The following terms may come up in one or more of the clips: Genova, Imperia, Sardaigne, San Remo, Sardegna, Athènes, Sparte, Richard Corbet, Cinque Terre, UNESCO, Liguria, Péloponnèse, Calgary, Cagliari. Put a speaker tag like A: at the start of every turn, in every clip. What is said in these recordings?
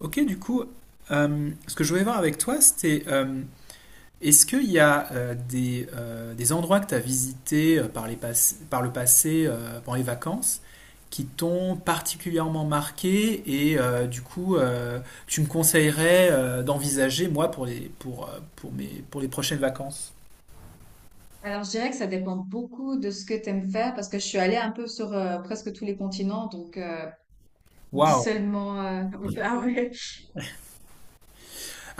A: Ok, du coup, ce que je voulais voir avec toi, c'était est-ce qu'il y a des endroits que tu as visités par le passé pendant les vacances qui t'ont particulièrement marqué et tu me conseillerais d'envisager moi pour les, pour mes, pour les prochaines vacances?
B: Alors, je dirais que ça dépend beaucoup de ce que tu aimes faire parce que je suis allée un peu sur presque tous les continents, dis
A: Waouh!
B: seulement. Ah ouais.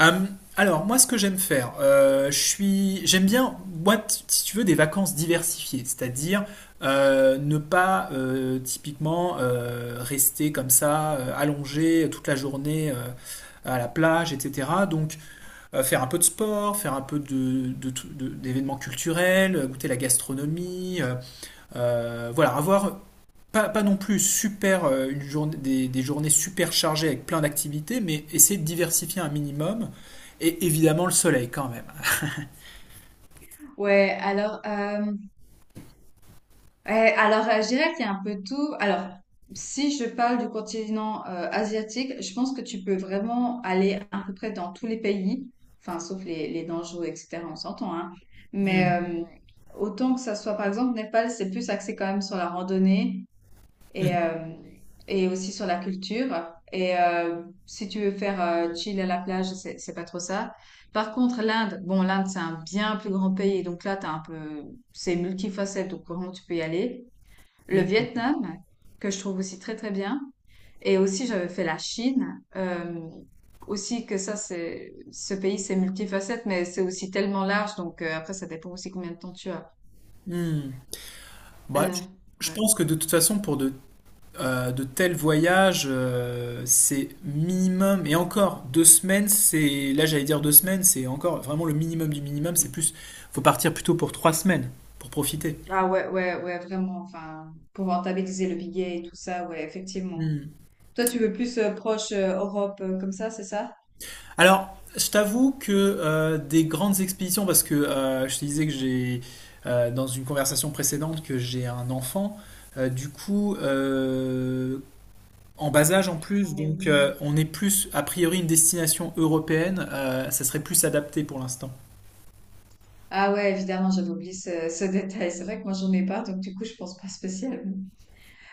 A: Euh, alors, moi, ce que j'aime faire, j'aime bien, moi, si tu veux, des vacances diversifiées, c'est-à-dire ne pas typiquement rester comme ça, allongé toute la journée à la plage, etc. Donc, faire un peu de sport, faire un peu d'événements culturels, goûter la gastronomie, voilà, avoir pas non plus super, euh, des journées super chargées avec plein d'activités, mais essayer de diversifier un minimum. Et évidemment, le soleil quand même.
B: Ouais, alors, euh, je dirais qu'il y a un peu tout. Alors, si je parle du continent asiatique, je pense que tu peux vraiment aller à peu près dans tous les pays, enfin, sauf les dangereux, etc., on s'entend, hein. Mais
A: Mm,
B: euh, Autant que ça soit, par exemple, Népal, c'est plus axé quand même sur la randonnée et,
A: mm,
B: euh, et aussi sur la culture. Et si tu veux faire chill à la plage, c'est pas trop ça. Par contre, l'Inde, bon, l'Inde, c'est un bien plus grand pays, donc là, c'est multifacette, donc vraiment, tu peux y aller. Le
A: mm,
B: Vietnam, que je trouve aussi très, très bien. Et aussi, j'avais fait la Chine. C'est ce pays, c'est multifacette, mais c'est aussi tellement large. Après, ça dépend aussi combien de temps tu as.
A: mm. Bah,
B: Euh,
A: je
B: ouais.
A: pense que de toute façon, de tels voyages, c'est minimum, et encore, 2 semaines, c'est, là j'allais dire 2 semaines, c'est encore vraiment le minimum du minimum, faut partir plutôt pour 3 semaines, pour profiter.
B: Ah ouais, ouais, ouais, vraiment. Enfin, pour rentabiliser le billet et tout ça, ouais, effectivement. Toi, tu veux plus proche Europe comme ça, c'est ça?
A: Alors, je t'avoue que des grandes expéditions, parce que je te disais que j'ai, dans une conversation précédente, que j'ai un enfant, euh, du coup, euh, en bas âge en
B: Ah
A: plus,
B: mais
A: donc
B: oui.
A: on est plus, a priori, une destination européenne, ça serait plus adapté pour l'instant.
B: Ah ouais, évidemment, j'avais oublié ce détail. C'est vrai que moi, j'en ai pas, donc du coup, je pense pas spécialement.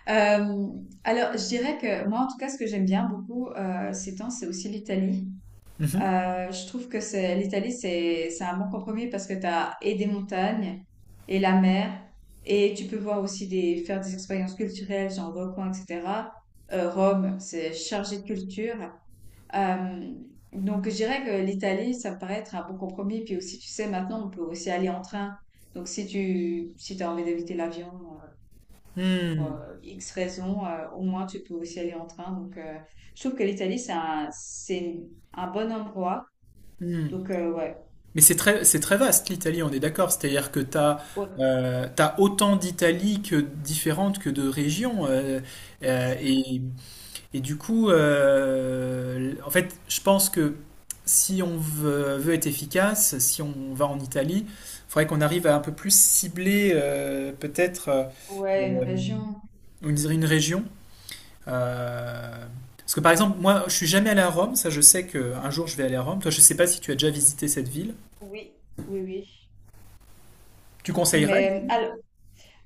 B: Euh, alors, je dirais que moi, en tout cas, ce que j'aime bien beaucoup ces temps, c'est aussi l'Italie.
A: Mhm.
B: Je trouve que c'est un bon compromis parce que tu as et des montagnes et la mer et tu peux voir aussi des faire des expériences culturelles, genre volcans, etc. Rome, c'est chargé de culture. Euh, donc je dirais que l'Italie, ça me paraît être un bon compromis. Puis aussi, tu sais, maintenant, on peut aussi aller en train. Donc si t'as envie d'éviter l'avion euh, pour
A: Hmm,
B: X raisons, au moins tu peux aussi aller en train. Je trouve que l'Italie, c'est un bon endroit.
A: hmm.
B: Donc, ouais.
A: Mais c'est très vaste l'Italie, on est d'accord. C'est-à-dire que tu as,
B: Ouais.
A: autant d'Italie que différentes que de régions. Euh, et Et du coup, en fait, je pense que si on veut être efficace, si on va en Italie, il faudrait qu'on arrive à un peu plus cibler peut-être
B: Ouais, une région.
A: on dirait une région. Euh, Parce que par exemple, moi, je suis jamais allé à Rome. Ça, je sais qu'un jour, je vais aller à Rome. Toi, je ne sais pas si tu as déjà visité cette ville.
B: Oui. Oui, oui.
A: Tu conseillerais?
B: Mais alors,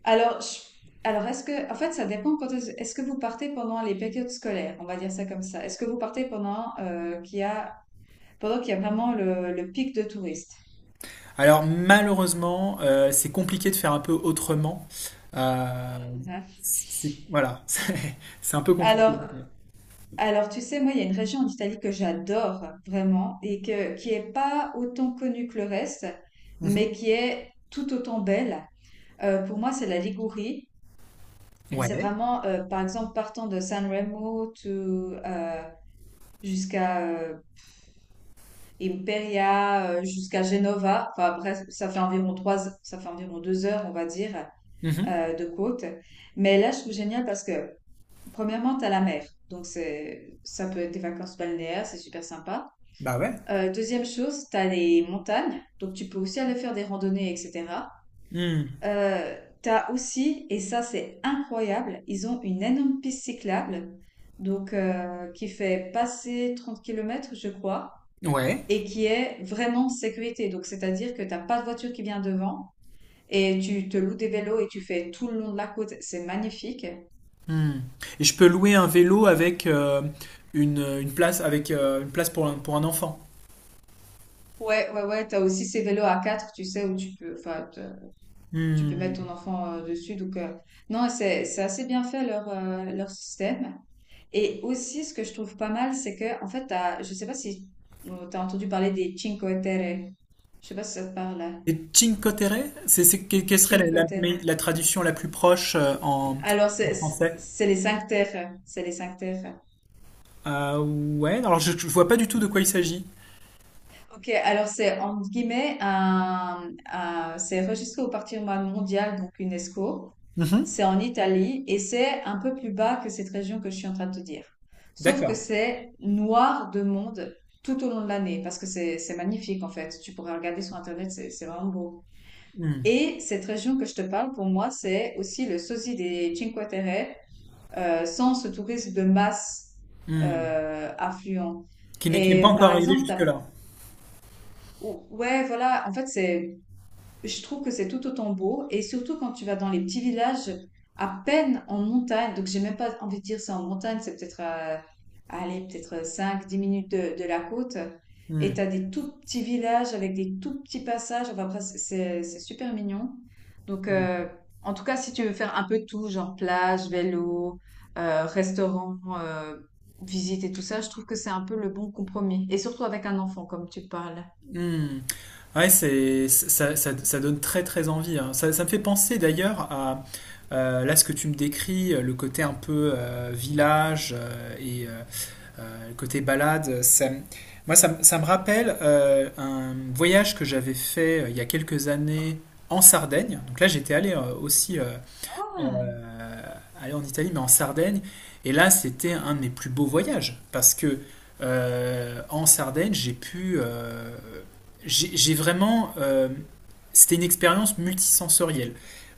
B: alors, je- alors est-ce que, en fait, ça dépend quand est-ce que vous partez pendant les périodes scolaires, on va dire ça comme ça. Est-ce que vous partez pendant qu'il y a vraiment le pic de touristes?
A: Alors, malheureusement, c'est compliqué de faire un peu autrement. Euh,
B: Hein.
A: voilà, c'est un peu compliqué.
B: Alors, alors, tu sais, moi, il y a une région en Italie que j'adore vraiment et que, qui est pas autant connue que le reste,
A: Mhm.
B: mais qui est tout autant belle. Pour moi, c'est la Ligurie. Et c'est
A: Ouais.
B: vraiment, par exemple, partant de San Remo to, euh, jusqu'à Imperia, jusqu'à Genova. Enfin, bref, ça fait environ deux heures, on va dire,
A: Mhm.
B: de côte. Mais là, je trouve génial parce que, premièrement, t'as la mer. Donc, ça peut être des vacances balnéaires, c'est super sympa.
A: Bah ouais.
B: Deuxième chose, t'as les montagnes. Donc, tu peux aussi aller faire des randonnées, etc.
A: Hmm.
B: Euh, T'as aussi, et ça c'est incroyable, ils ont une énorme piste cyclable, qui fait passer 30 kilomètres je crois,
A: Ouais.
B: et qui est vraiment en sécurité. Donc c'est-à-dire que t'as pas de voiture qui vient devant, et tu te loues des vélos et tu fais tout le long de la côte, c'est magnifique.
A: Hmm. Et je peux louer un vélo avec une place avec une place pour un enfant.
B: Ouais, ouais, ouais, t'as aussi ces vélos à 4 tu sais, où tu peux, tu peux
A: Hmm.
B: mettre ton enfant dessus. Donc, non, c'est assez bien fait leur, leur système. Et aussi, ce que je trouve pas mal, c'est que, en fait, je sais pas si tu as entendu parler des Cinque Terre. Je sais pas si ça te parle, là.
A: Et Cinque Terre, quelle serait
B: Cinque Terre.
A: la traduction la plus proche euh, en,
B: Alors,
A: en
B: c'est
A: français?
B: c'est les cinq terres. C'est les cinq terres.
A: Euh, ouais. Alors je vois pas du tout de quoi il s'agit.
B: Ok, alors c'est, entre guillemets, c'est registré au patrimoine mondial, donc UNESCO.
A: Mhm.
B: C'est en Italie et c'est un peu plus bas que cette région que je suis en train de te dire. Sauf que
A: D'accord.
B: c'est noir de monde tout au long de l'année parce que c'est magnifique en fait. Tu pourrais regarder sur Internet, c'est vraiment beau.
A: Hmm.
B: Et cette région que je te parle, pour moi, c'est aussi le sosie des Cinque Terre, sans ce tourisme de masse
A: Hmm.
B: affluent.
A: Qui n'est
B: Et
A: pas
B: par
A: encore arrivé
B: exemple,
A: jusque-là.
B: ouais, voilà, en fait, c'est je trouve que c'est tout autant beau. Et surtout quand tu vas dans les petits villages, à peine en montagne, donc j'ai même pas envie de dire c'est en montagne, à aller peut-être cinq dix minutes de la côte.
A: Hmm.
B: Et tu as des tout petits villages avec des tout petits passages. Enfin, après, c'est super mignon. Donc, en tout cas, si tu veux faire un peu tout, genre plage, vélo, restaurant, visite et tout ça, je trouve que c'est un peu le bon compromis. Et surtout avec un enfant, comme tu parles.
A: Hmm. Ouais, ça donne très très envie, hein. Ça me fait penser d'ailleurs à là ce que tu me décris, le côté un peu village le côté balade. Ça, me- moi, ça, me Ça me rappelle un voyage que j'avais fait il y a quelques années en Sardaigne. Donc là, j'étais allé aussi euh,
B: Ah.
A: aller en Italie, mais en Sardaigne. Et là, c'était un de mes plus beaux voyages parce que en Sardaigne, j'ai pu, j'ai vraiment, c'était une expérience multisensorielle.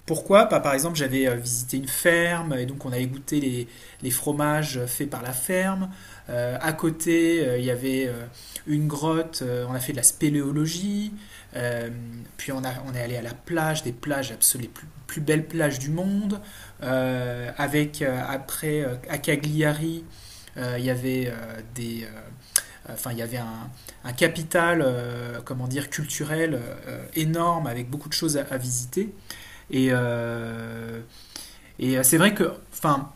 A: Pourquoi? Bah, par exemple, j'avais visité une ferme et donc on allait goûter les fromages faits par la ferme. À côté, il y avait une grotte, on a fait de la spéléologie. Euh, puis on est allé à la plage, des plages absolument plus belles plages du monde. Avec après À Cagliari, il y avait des, enfin il y avait un capital, comment dire, culturel énorme avec beaucoup de choses à visiter. Et, euh, et c'est vrai que, enfin,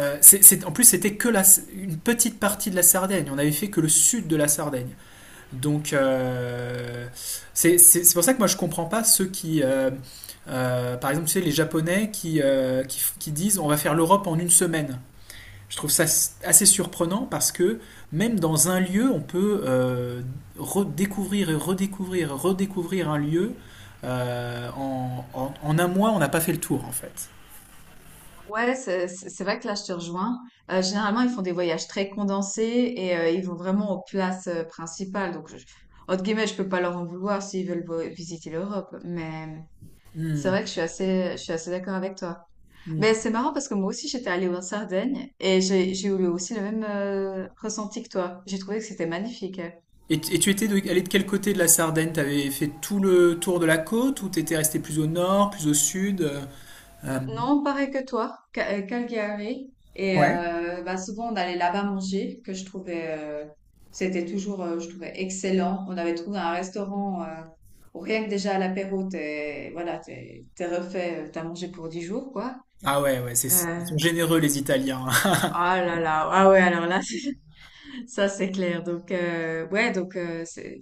A: en plus c'était une petite partie de la Sardaigne. On avait fait que le sud de la Sardaigne. Donc, c'est pour ça que moi je comprends pas ceux qui, par exemple, tu sais, les Japonais qui disent on va faire l'Europe en une semaine. Je trouve ça assez surprenant parce que même dans un lieu, on peut redécouvrir un lieu. En un mois, on n'a pas fait le tour en fait.
B: Ouais, c'est vrai que là, je te rejoins. Généralement, ils font des voyages très condensés et ils vont vraiment aux places principales. Donc, entre guillemets, je peux pas leur en vouloir s'ils veulent visiter l'Europe. Mais c'est
A: Hmm.
B: vrai que je suis assez d'accord avec toi. Mais c'est marrant parce que moi aussi, j'étais allée en Sardaigne et j'ai eu aussi le même ressenti que toi. J'ai trouvé que c'était magnifique. Hein.
A: Et et tu étais allé de quel côté de la Sardaigne? T'avais fait tout le tour de la côte ou t'étais resté plus au nord, plus au sud? Euh,
B: Non, pareil que toi, Calgary. Et
A: Ouais.
B: bah, souvent, on allait là-bas manger, c'était toujours, je trouvais excellent. On avait trouvé un restaurant où rien que déjà à l'apéro, t'es refait, t'as mangé pour 10 jours, quoi.
A: Ah ouais, ouais,
B: Euh,
A: ils sont généreux les Italiens.
B: ah là là, ah ouais, alors là, ça c'est clair. Donc, ouais,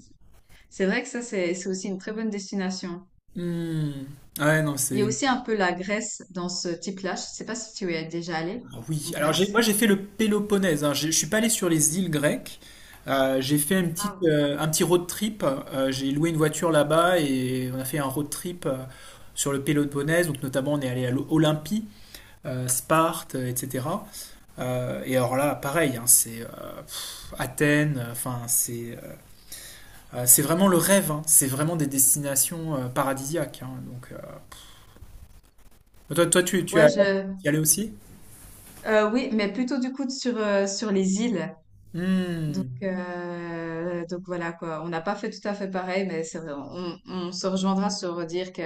B: c'est vrai que ça, c'est aussi une très bonne destination.
A: Hmm. Ouais, non,
B: Il y a aussi un peu la Grèce dans ce type-là. Je sais pas si tu y es déjà allé
A: ah
B: en
A: oui, alors moi
B: Grèce.
A: j'ai fait le Péloponnèse, hein. Je suis pas allé sur les îles grecques. J'ai fait une petite, un petit road trip. J'ai loué une voiture là-bas et on a fait un road trip sur le Péloponnèse, donc notamment on est allé à l'Olympie, Sparte, etc. Et alors là, pareil, hein, Athènes, c'est vraiment le rêve, hein. C'est vraiment des destinations paradisiaques, hein. Bah, Toi, toi, tu
B: Ouais,
A: as,
B: je,
A: tu y allais aussi?
B: oui, mais plutôt du coup sur, sur les îles.
A: Hmm,
B: Donc voilà quoi. On n'a pas fait tout à fait pareil, mais c'est vrai, on se rejoindra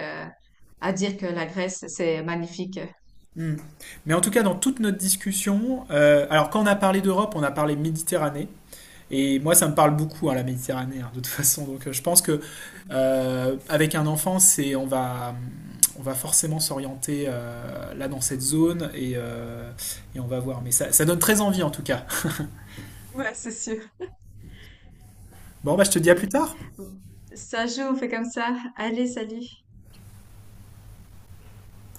B: à dire que la Grèce, c'est magnifique.
A: hmm. Mais en tout cas, dans toute notre discussion, alors quand on a parlé d'Europe, on a parlé Méditerranée. Et moi, ça me parle beaucoup, hein, la Méditerranée, hein, de toute façon. Donc, je pense que avec un enfant, c'est on va forcément s'orienter là dans cette zone et on va voir. Mais ça donne très envie en tout cas.
B: Ouais, c'est sûr.
A: Bon, bah, je te dis à
B: Ok.
A: plus tard.
B: Bon. Ça joue, on fait comme ça. Allez, salut.